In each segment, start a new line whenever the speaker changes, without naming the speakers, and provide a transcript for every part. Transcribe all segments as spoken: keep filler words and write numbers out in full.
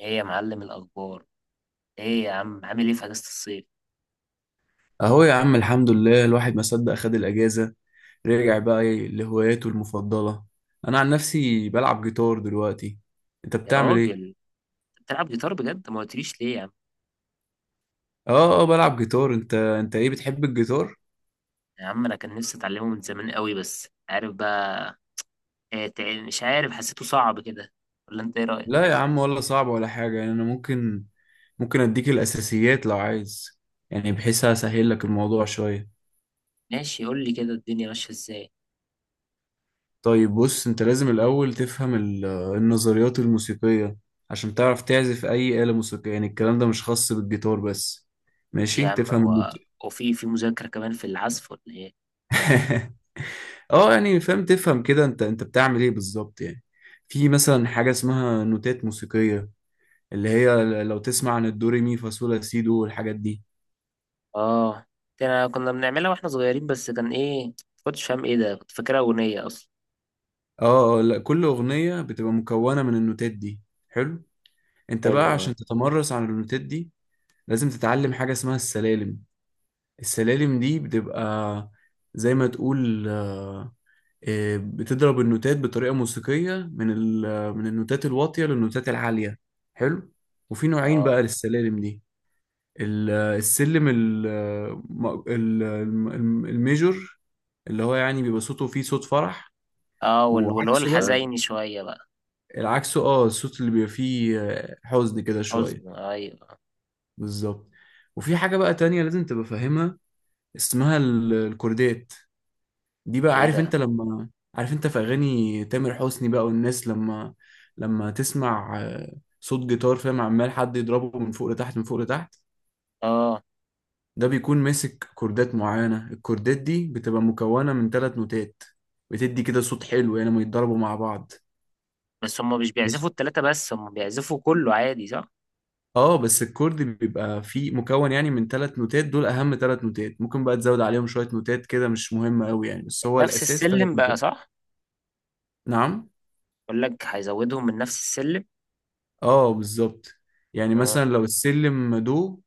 ايه يا معلم، الاخبار؟ ايه يا عم، عامل ايه في اجازه الصيف؟
اهو يا عم، الحمد لله، الواحد ما صدق خد الاجازه. رجع بقى إيه لهواياته المفضله؟ انا عن نفسي بلعب جيتار دلوقتي. انت
يا
بتعمل ايه؟
راجل، بتلعب جيتار بجد؟ ما قلتليش ليه يا عم!
اه اه، بلعب جيتار. انت انت ايه، بتحب الجيتار؟
يا عم انا كان نفسي اتعلمه من زمان قوي، بس عارف بقى إيه، تع- مش عارف، حسيته صعب كده. ولا انت ايه رايك؟
لا يا عم، ولا صعب ولا حاجه، يعني انا ممكن ممكن اديك الاساسيات لو عايز، يعني بحيث اسهل لك الموضوع شويه.
ماشي، قول لي كده الدنيا ماشيه ازاي.
طيب بص، انت لازم الاول تفهم ال- النظريات الموسيقيه عشان تعرف تعزف اي آلة موسيقية. يعني الكلام ده مش خاص بالجيتار بس.
إيه يا
ماشي
عم،
تفهم.
هو هو في في مذاكره كمان في العزف ولا ايه؟
اه يعني فاهم، تفهم كده انت انت بتعمل ايه بالظبط يعني. في مثلا حاجة اسمها نوتات موسيقية، اللي هي لو تسمع عن الدوري مي فا صول لا سي دو والحاجات دي.
اه، ده أنا كنا بنعملها واحنا صغيرين، بس كان ايه، ما كنتش فاهم ايه ده، كنت فاكرها اغنيه اصلا.
اه، آه، لا، كل أغنية بتبقى مكونة من النوتات دي. حلو. انت
حلو،
بقى
اه.
عشان تتمرس على النوتات دي لازم تتعلم حاجة اسمها السلالم. السلالم دي بتبقى زي ما تقول، آه، آه، بتضرب النوتات بطريقة موسيقية من ال- من النوتات الواطية للنوتات العالية. حلو. وفي نوعين
اه.
بقى للسلالم دي. ال- السلم ال- م- ال- الم- الميجور، اللي هو يعني بيبقى صوته فيه صوت فرح.
اه وال- واللي هو
وعكسه بقى،
الحزيني شويه بقى.
العكسه، اه، الصوت اللي بيبقى فيه آه، حزن كده شوية.
حزن، ايوه.
بالظبط. وفي حاجة بقى تانية لازم تبقى فاهمها، اسمها ال- الكوردات. دي بقى،
ايه
عارف
ده؟
انت لما، عارف انت في اغاني تامر حسني بقى، والناس لما لما تسمع آه، صوت جيتار، فاهم، عمال حد يضربه من فوق لتحت من فوق لتحت،
اه
ده بيكون ماسك كوردات معينة. الكوردات دي بتبقى مكونة من ثلاث نوتات، بتدي كده صوت حلو يعني لما يتضربوا مع بعض.
بس هم مش
مش،
بيعزفوا التلاتة، بس هم بيعزفوا كله عادي صح؟
اه، بس الكورد بيبقى فيه مكون يعني من ثلاث نوتات. دول اهم ثلاث نوتات، ممكن بقى تزود عليهم شوية نوتات كده مش مهمة قوي يعني، بس هو
نفس
الاساس
السلم
ثلاث
بقى
نوتات.
صح؟
نعم.
بقول لك هيزودهم من نفس السلم.
اه بالظبط. يعني
آه،
مثلا لو السلم دو،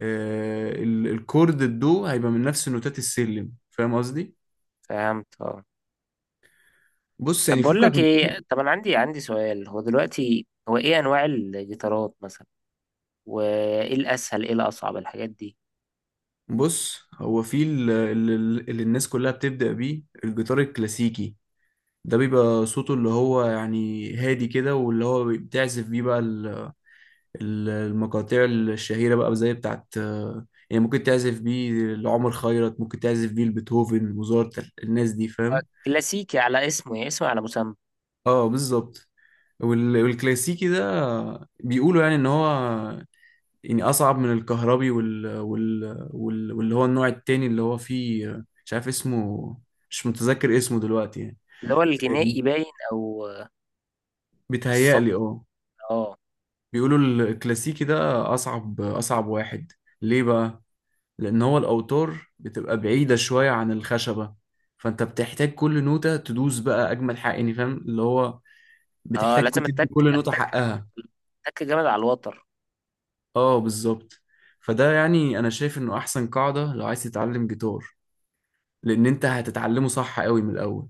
آه، ال- الكورد الدو هيبقى من نفس نوتات السلم، فاهم قصدي.
فهمت اه.
بص
طب
يعني
بقول
فكك
لك
من كل،
ايه، طب انا عندي عندي سؤال، هو دلوقتي هو ايه انواع الجيتارات مثلا؟ وايه الاسهل ايه الاصعب الحاجات دي؟
بص، هو في ال- ال- ال- اللي الناس كلها بتبدأ بيه الجيتار الكلاسيكي. ده بيبقى صوته اللي هو يعني هادي كده، واللي هو بتعزف بيه بقى ال- ال- المقاطع الشهيرة بقى، زي بتاعت آه، يعني، ممكن تعزف بيه لعمر خيرت، ممكن تعزف بيه لبيتهوفن، موزارت، الناس دي،
هو
فاهم.
كلاسيكي على اسمه، يعني اسمه على مسمى.
اه بالظبط. وال- والكلاسيكي ده بيقولوا يعني ان هو يعني اصعب من الكهربي، وال... وال... وال... واللي هو النوع التاني اللي هو فيه، مش عارف اسمه، مش متذكر اسمه دلوقتي، يعني.
اللي هو الجنائي باين، او آه، الصوت.
بيتهيألي اه.
اه.
بيقولوا الكلاسيكي ده اصعب اصعب واحد. ليه بقى؟ لان هو الاوتار بتبقى بعيدة شوية عن الخشبة، فانت بتحتاج كل نوتة تدوس بقى اجمل حق، يعني فاهم اللي هو،
اه
بتحتاج
لازم
تدي
التك،
كل نوتة
التك
حقها.
التك جامد على الوتر.
اه بالظبط. فده يعني انا شايف انه احسن قاعدة لو عايز تتعلم جيتار، لان انت هتتعلمه صح قوي من الاول.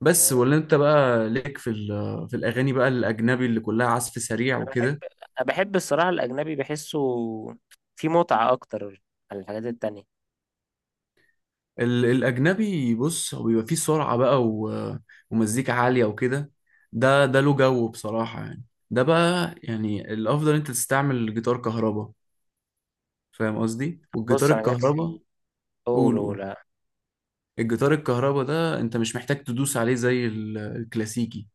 بس
آه.
ولا انت بقى ليك في ال- في الاغاني بقى الاجنبي اللي كلها عزف سريع وكده.
أنا بحب الصراحة الأجنبي، بحسه فيه متعة أكتر عن الحاجات التانية.
ال- الاجنبي، بص، هو بيبقى فيه سرعه بقى و- ومزيكا عاليه وكده. ده ده له جو بصراحه يعني. ده بقى يعني الافضل انت تستعمل جيتار كهرباء، فاهم قصدي. والجيتار
بص أنا جات
الكهرباء،
لي،
قول
أولو
قول،
لا.
الجيتار الكهرباء ده انت مش محتاج تدوس عليه زي ال- الكلاسيكي،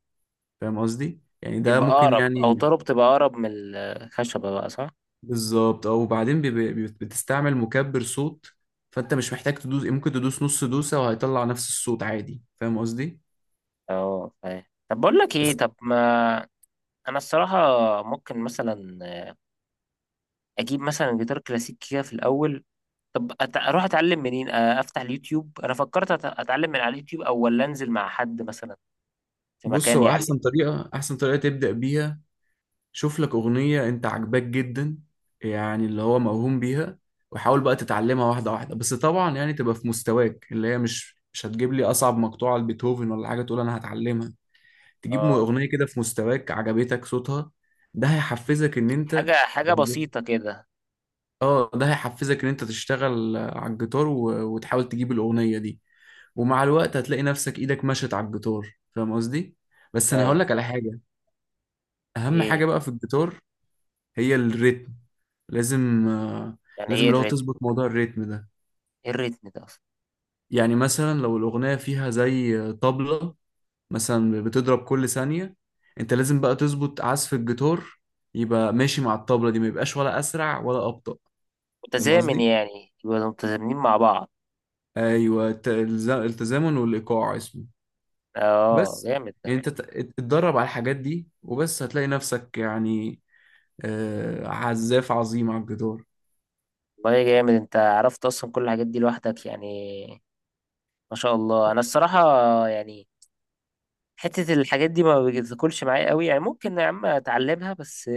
فاهم قصدي. يعني ده
بيبقى
ممكن
أقرب، أو
يعني
طرب تبقى أقرب من الخشبة بقى صح؟
بالظبط اه. وبعدين بيبقى- بت- بتستعمل مكبر صوت، فانت مش محتاج تدوس. يعني ممكن تدوس نص دوسة وهيطلع نفس الصوت عادي، فاهم قصدي.
أه فاهم. طب بقول لك إيه،
بس
طب ما أنا الصراحة ممكن مثلا أجيب مثلا جيتار كلاسيك كده في الأول. طب أت- أروح أتعلم منين؟ آه، أفتح اليوتيوب، أنا فكرت أت- أتعلم من على اليوتيوب، أو ولا أنزل مع حد مثلا في
بص،
مكان
هو
يعلم؟
احسن طريقة احسن طريقة تبدأ بيها، شوف لك اغنية انت عاجباك جدا، يعني اللي هو موهوم بيها، وحاول بقى تتعلمها واحدة واحدة. بس طبعا يعني تبقى في مستواك، اللي هي مش مش هتجيب لي اصعب مقطوعة لبيتهوفن ولا حاجة تقول انا هتعلمها. تجيب
أه،
اغنية كده في مستواك عجبتك صوتها. ده هيحفزك ان
حاجة
انت،
حاجة بسيطة كده.
اه، ده هيحفزك ان انت تشتغل آه، على الجيتار و... وتحاول تجيب الاغنيه دي. ومع الوقت هتلاقي نفسك ايدك مشت على الجيتار، فاهم قصدي. بس انا هقول
فاهم.
لك على حاجه: اهم
إيه؟
حاجه بقى في الجيتار هي الريتم. لازم آه،
يعني
لازم
إيه
اللي هو
الريتم؟
تظبط موضوع الريتم ده.
ايه الريتم ده اصلا؟
يعني مثلا لو الاغنيه فيها زي آه، طبله مثلا بتضرب كل ثانيه، انت لازم بقى تظبط عزف الجيتار يبقى ماشي مع الطبله دي، ما يبقاش ولا اسرع ولا ابطأ، فاهم
متزامن
قصدي.
يعني، يبقوا متزامنين مع بعض.
ايوه، الت- الز- التزامن والايقاع اسمه.
اه
بس
جامد ده.
يعني انت تت- اتدرب على الحاجات دي، وبس هتلاقي نفسك يعني آه، عزاف عظيم على الجدار.
والله جامد، انت عرفت اصلا كل الحاجات دي لوحدك يعني؟ ما شاء الله. انا الصراحة يعني، حتة الحاجات دي ما بتاكلش معايا قوي يعني، ممكن يا عم اتعلمها بس.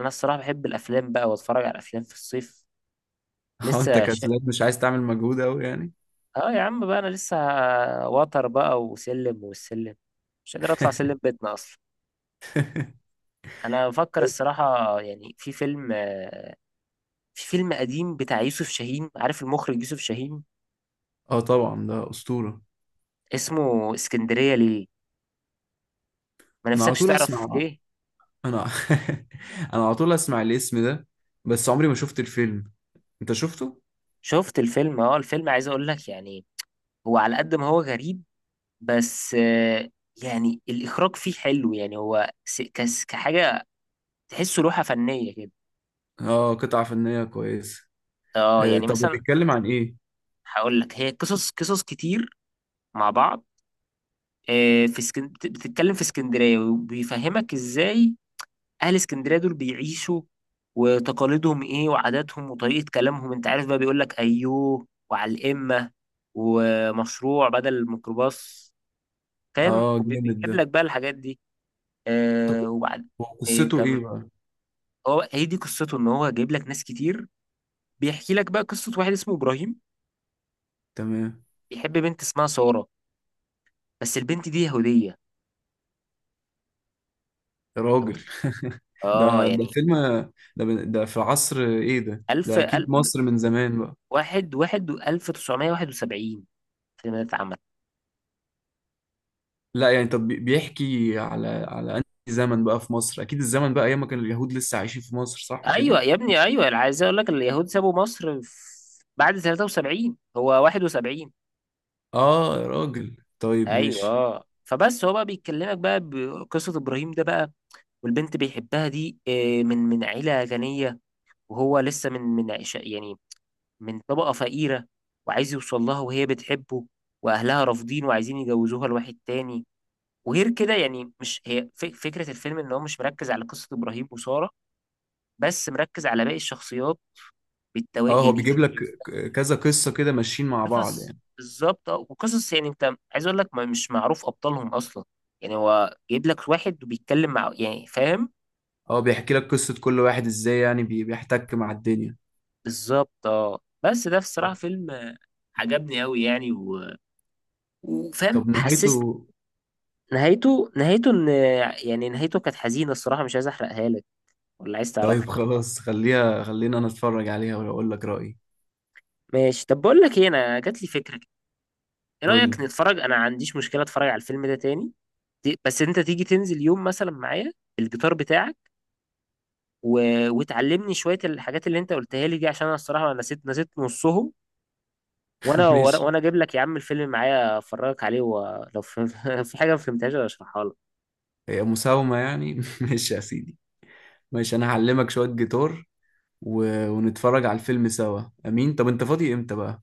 انا الصراحة بحب الافلام بقى، واتفرج على افلام في الصيف.
اه انت
لسه ش...
كسلان، مش عايز تعمل مجهود قوي يعني.
اه يا عم بقى، انا لسه وتر بقى وسلم والسلم، مش قادر اطلع سلم بيتنا اصلا. انا بفكر الصراحة يعني في فيلم، في فيلم قديم بتاع يوسف شاهين. عارف المخرج يوسف شاهين؟
اه طبعا، ده اسطوره.
اسمه اسكندرية ليه؟ ما
انا على
نفسكش
طول
تعرف
اسمع،
ليه؟
انا انا على طول اسمع الاسم ده، بس عمري ما شفت الفيلم. انت شفته؟
شفت الفيلم اه. الفيلم عايز اقول لك يعني، هو على قد ما هو غريب، بس آه، يعني الاخراج فيه حلو. يعني هو س- كس- كحاجة، تحسه لوحة فنية كده.
اه قطعه فنيه كويسه.
اه
آه
يعني
طب
مثلا.
بيتكلم عن ايه؟
هقول لك، هي قصص قصص كتير مع بعض. آه، في اسكن... بت- بتتكلم في اسكندرية، وبيفهمك ازاي اهل اسكندريه دول بيعيشوا، وتقاليدهم ايه، وعاداتهم، وطريقه كلامهم. انت عارف بقى، بيقول لك ايوه وعلى الامه، ومشروع بدل الميكروباص. فاهم؟
اه جامد ده.
وبيجيب لك بقى الحاجات دي.
طب
آه وبعد.
هو
ايه
قصته
كم،
ايه بقى؟
هو هي دي قصته، ان هو جايب لك ناس كتير. بيحكي لك بقى قصه واحد اسمه ابراهيم،
تمام.
بيحب بنت اسمها ساره، بس البنت دي يهوديه.
يا
انت
راجل.
متخيل؟ اه
ده ده
يعني
فيلم. ده ده في عصر ايه؟ ده
ألف
ده
ألف
اكيد مصر من زمان بقى.
واحد واحد ألف وتسعمية وواحد وسبعين، في مدينة عمل.
لا يعني، طب بي- بيحكي على على انهي زمن بقى في مصر؟ اكيد الزمن بقى ايام ما كان اليهود لسه عايشين في مصر، صح كده؟
ايوه يا ابني ايوه، انا عايز اقول لك، اليهود سابوا مصر في- بعد تلاتة وسبعين، هو واحد وسبعين.
اه يا راجل، طيب
ايوه
ماشي.
اه، فبس هو بقى بيكلمك بقى بقصه ابراهيم ده بقى، والبنت بيحبها دي آه، من من عيله غنيه، وهو لسه من من عش- يعني من طبقه فقيره، وعايز يوصل لها، وهي بتحبه، واهلها رافضين وعايزين يجوزوها لواحد تاني. وغير كده يعني، مش هي ف- فكره الفيلم ان هو مش مركز على قصه ابراهيم وساره، بس مركز على باقي الشخصيات بالتوا
اه هو
يعني.
بيجيب لك ك- كذا قصة كده ماشيين مع بعض
قصص
يعني.
بالظبط، اه. وقصص يعني، انت عايز اقول لك، ما مش معروف ابطالهم اصلا. يعني هو جايب لك واحد وبيتكلم مع، يعني فاهم.
اه بيحكي لك قصة كل واحد ازاي يعني بي- بيحتك مع الدنيا.
بالظبط اه. بس ده الصراحه
طب،
فيلم آه، عجبني قوي يعني، و...
طب
وفاهم، حسست.
نهايته؟
نهايته، نهايته ان، يعني نهايته كانت حزينه الصراحه، مش عايز احرقها لك ولا عايز
طيب
تعرفها.
خلاص خليها، خلينا انا اتفرج عليها واقول لك رأيي.
ماشي، طب بقول لك ايه، انا جات لي فكره كده. ايه
قول
رايك
لي.
نتفرج؟ انا ما عنديش مشكله اتفرج على الفيلم ده تاني. ت- بس انت تيجي تنزل يوم مثلا معايا بالجيتار بتاعك، و... وتعلمني شويه الحاجات اللي انت قلتها لي دي، عشان انا الصراحه نسيت نسيت نصهم. وانا
ماشي،
وانا اجيب لك يا عم الفيلم معايا، افرجك عليه، ولو في، في حاجه ما فهمتهاش أنا اشرحها لك.
هي مساومة يعني. ماشي يا سيدي. ماشي أنا هعلمك شوية جيتار و... ونتفرج على الفيلم سوا، أمين. طب أنت فاضي إمتى بقى؟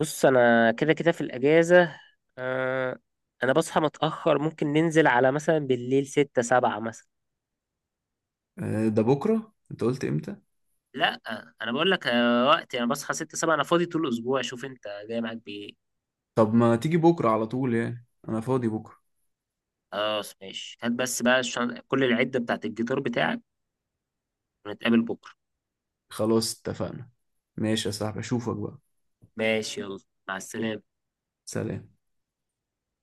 بص انا كده كده في الاجازه. آه... انا بصحى متاخر، ممكن ننزل على مثلا بالليل ستة سبعة مثلا.
آه، ده بكرة؟ أنت قلت إمتى؟
لا، انا بقول لك آه، وقتي انا بصحى ستة سبعة، انا فاضي طول الاسبوع، شوف انت جاي معاك بايه.
طب ما تيجي بكرة على طول، يعني أنا فاضي بكرة.
خلاص ماشي، هات بس بقى الشن... كل العده بتاعت الجيتار بتاعك، ونتقابل بكره.
خلاص اتفقنا. ماشي يا صاحبي، أشوفك بقى.
ماشي، يلا، مع السلامه.
سلام.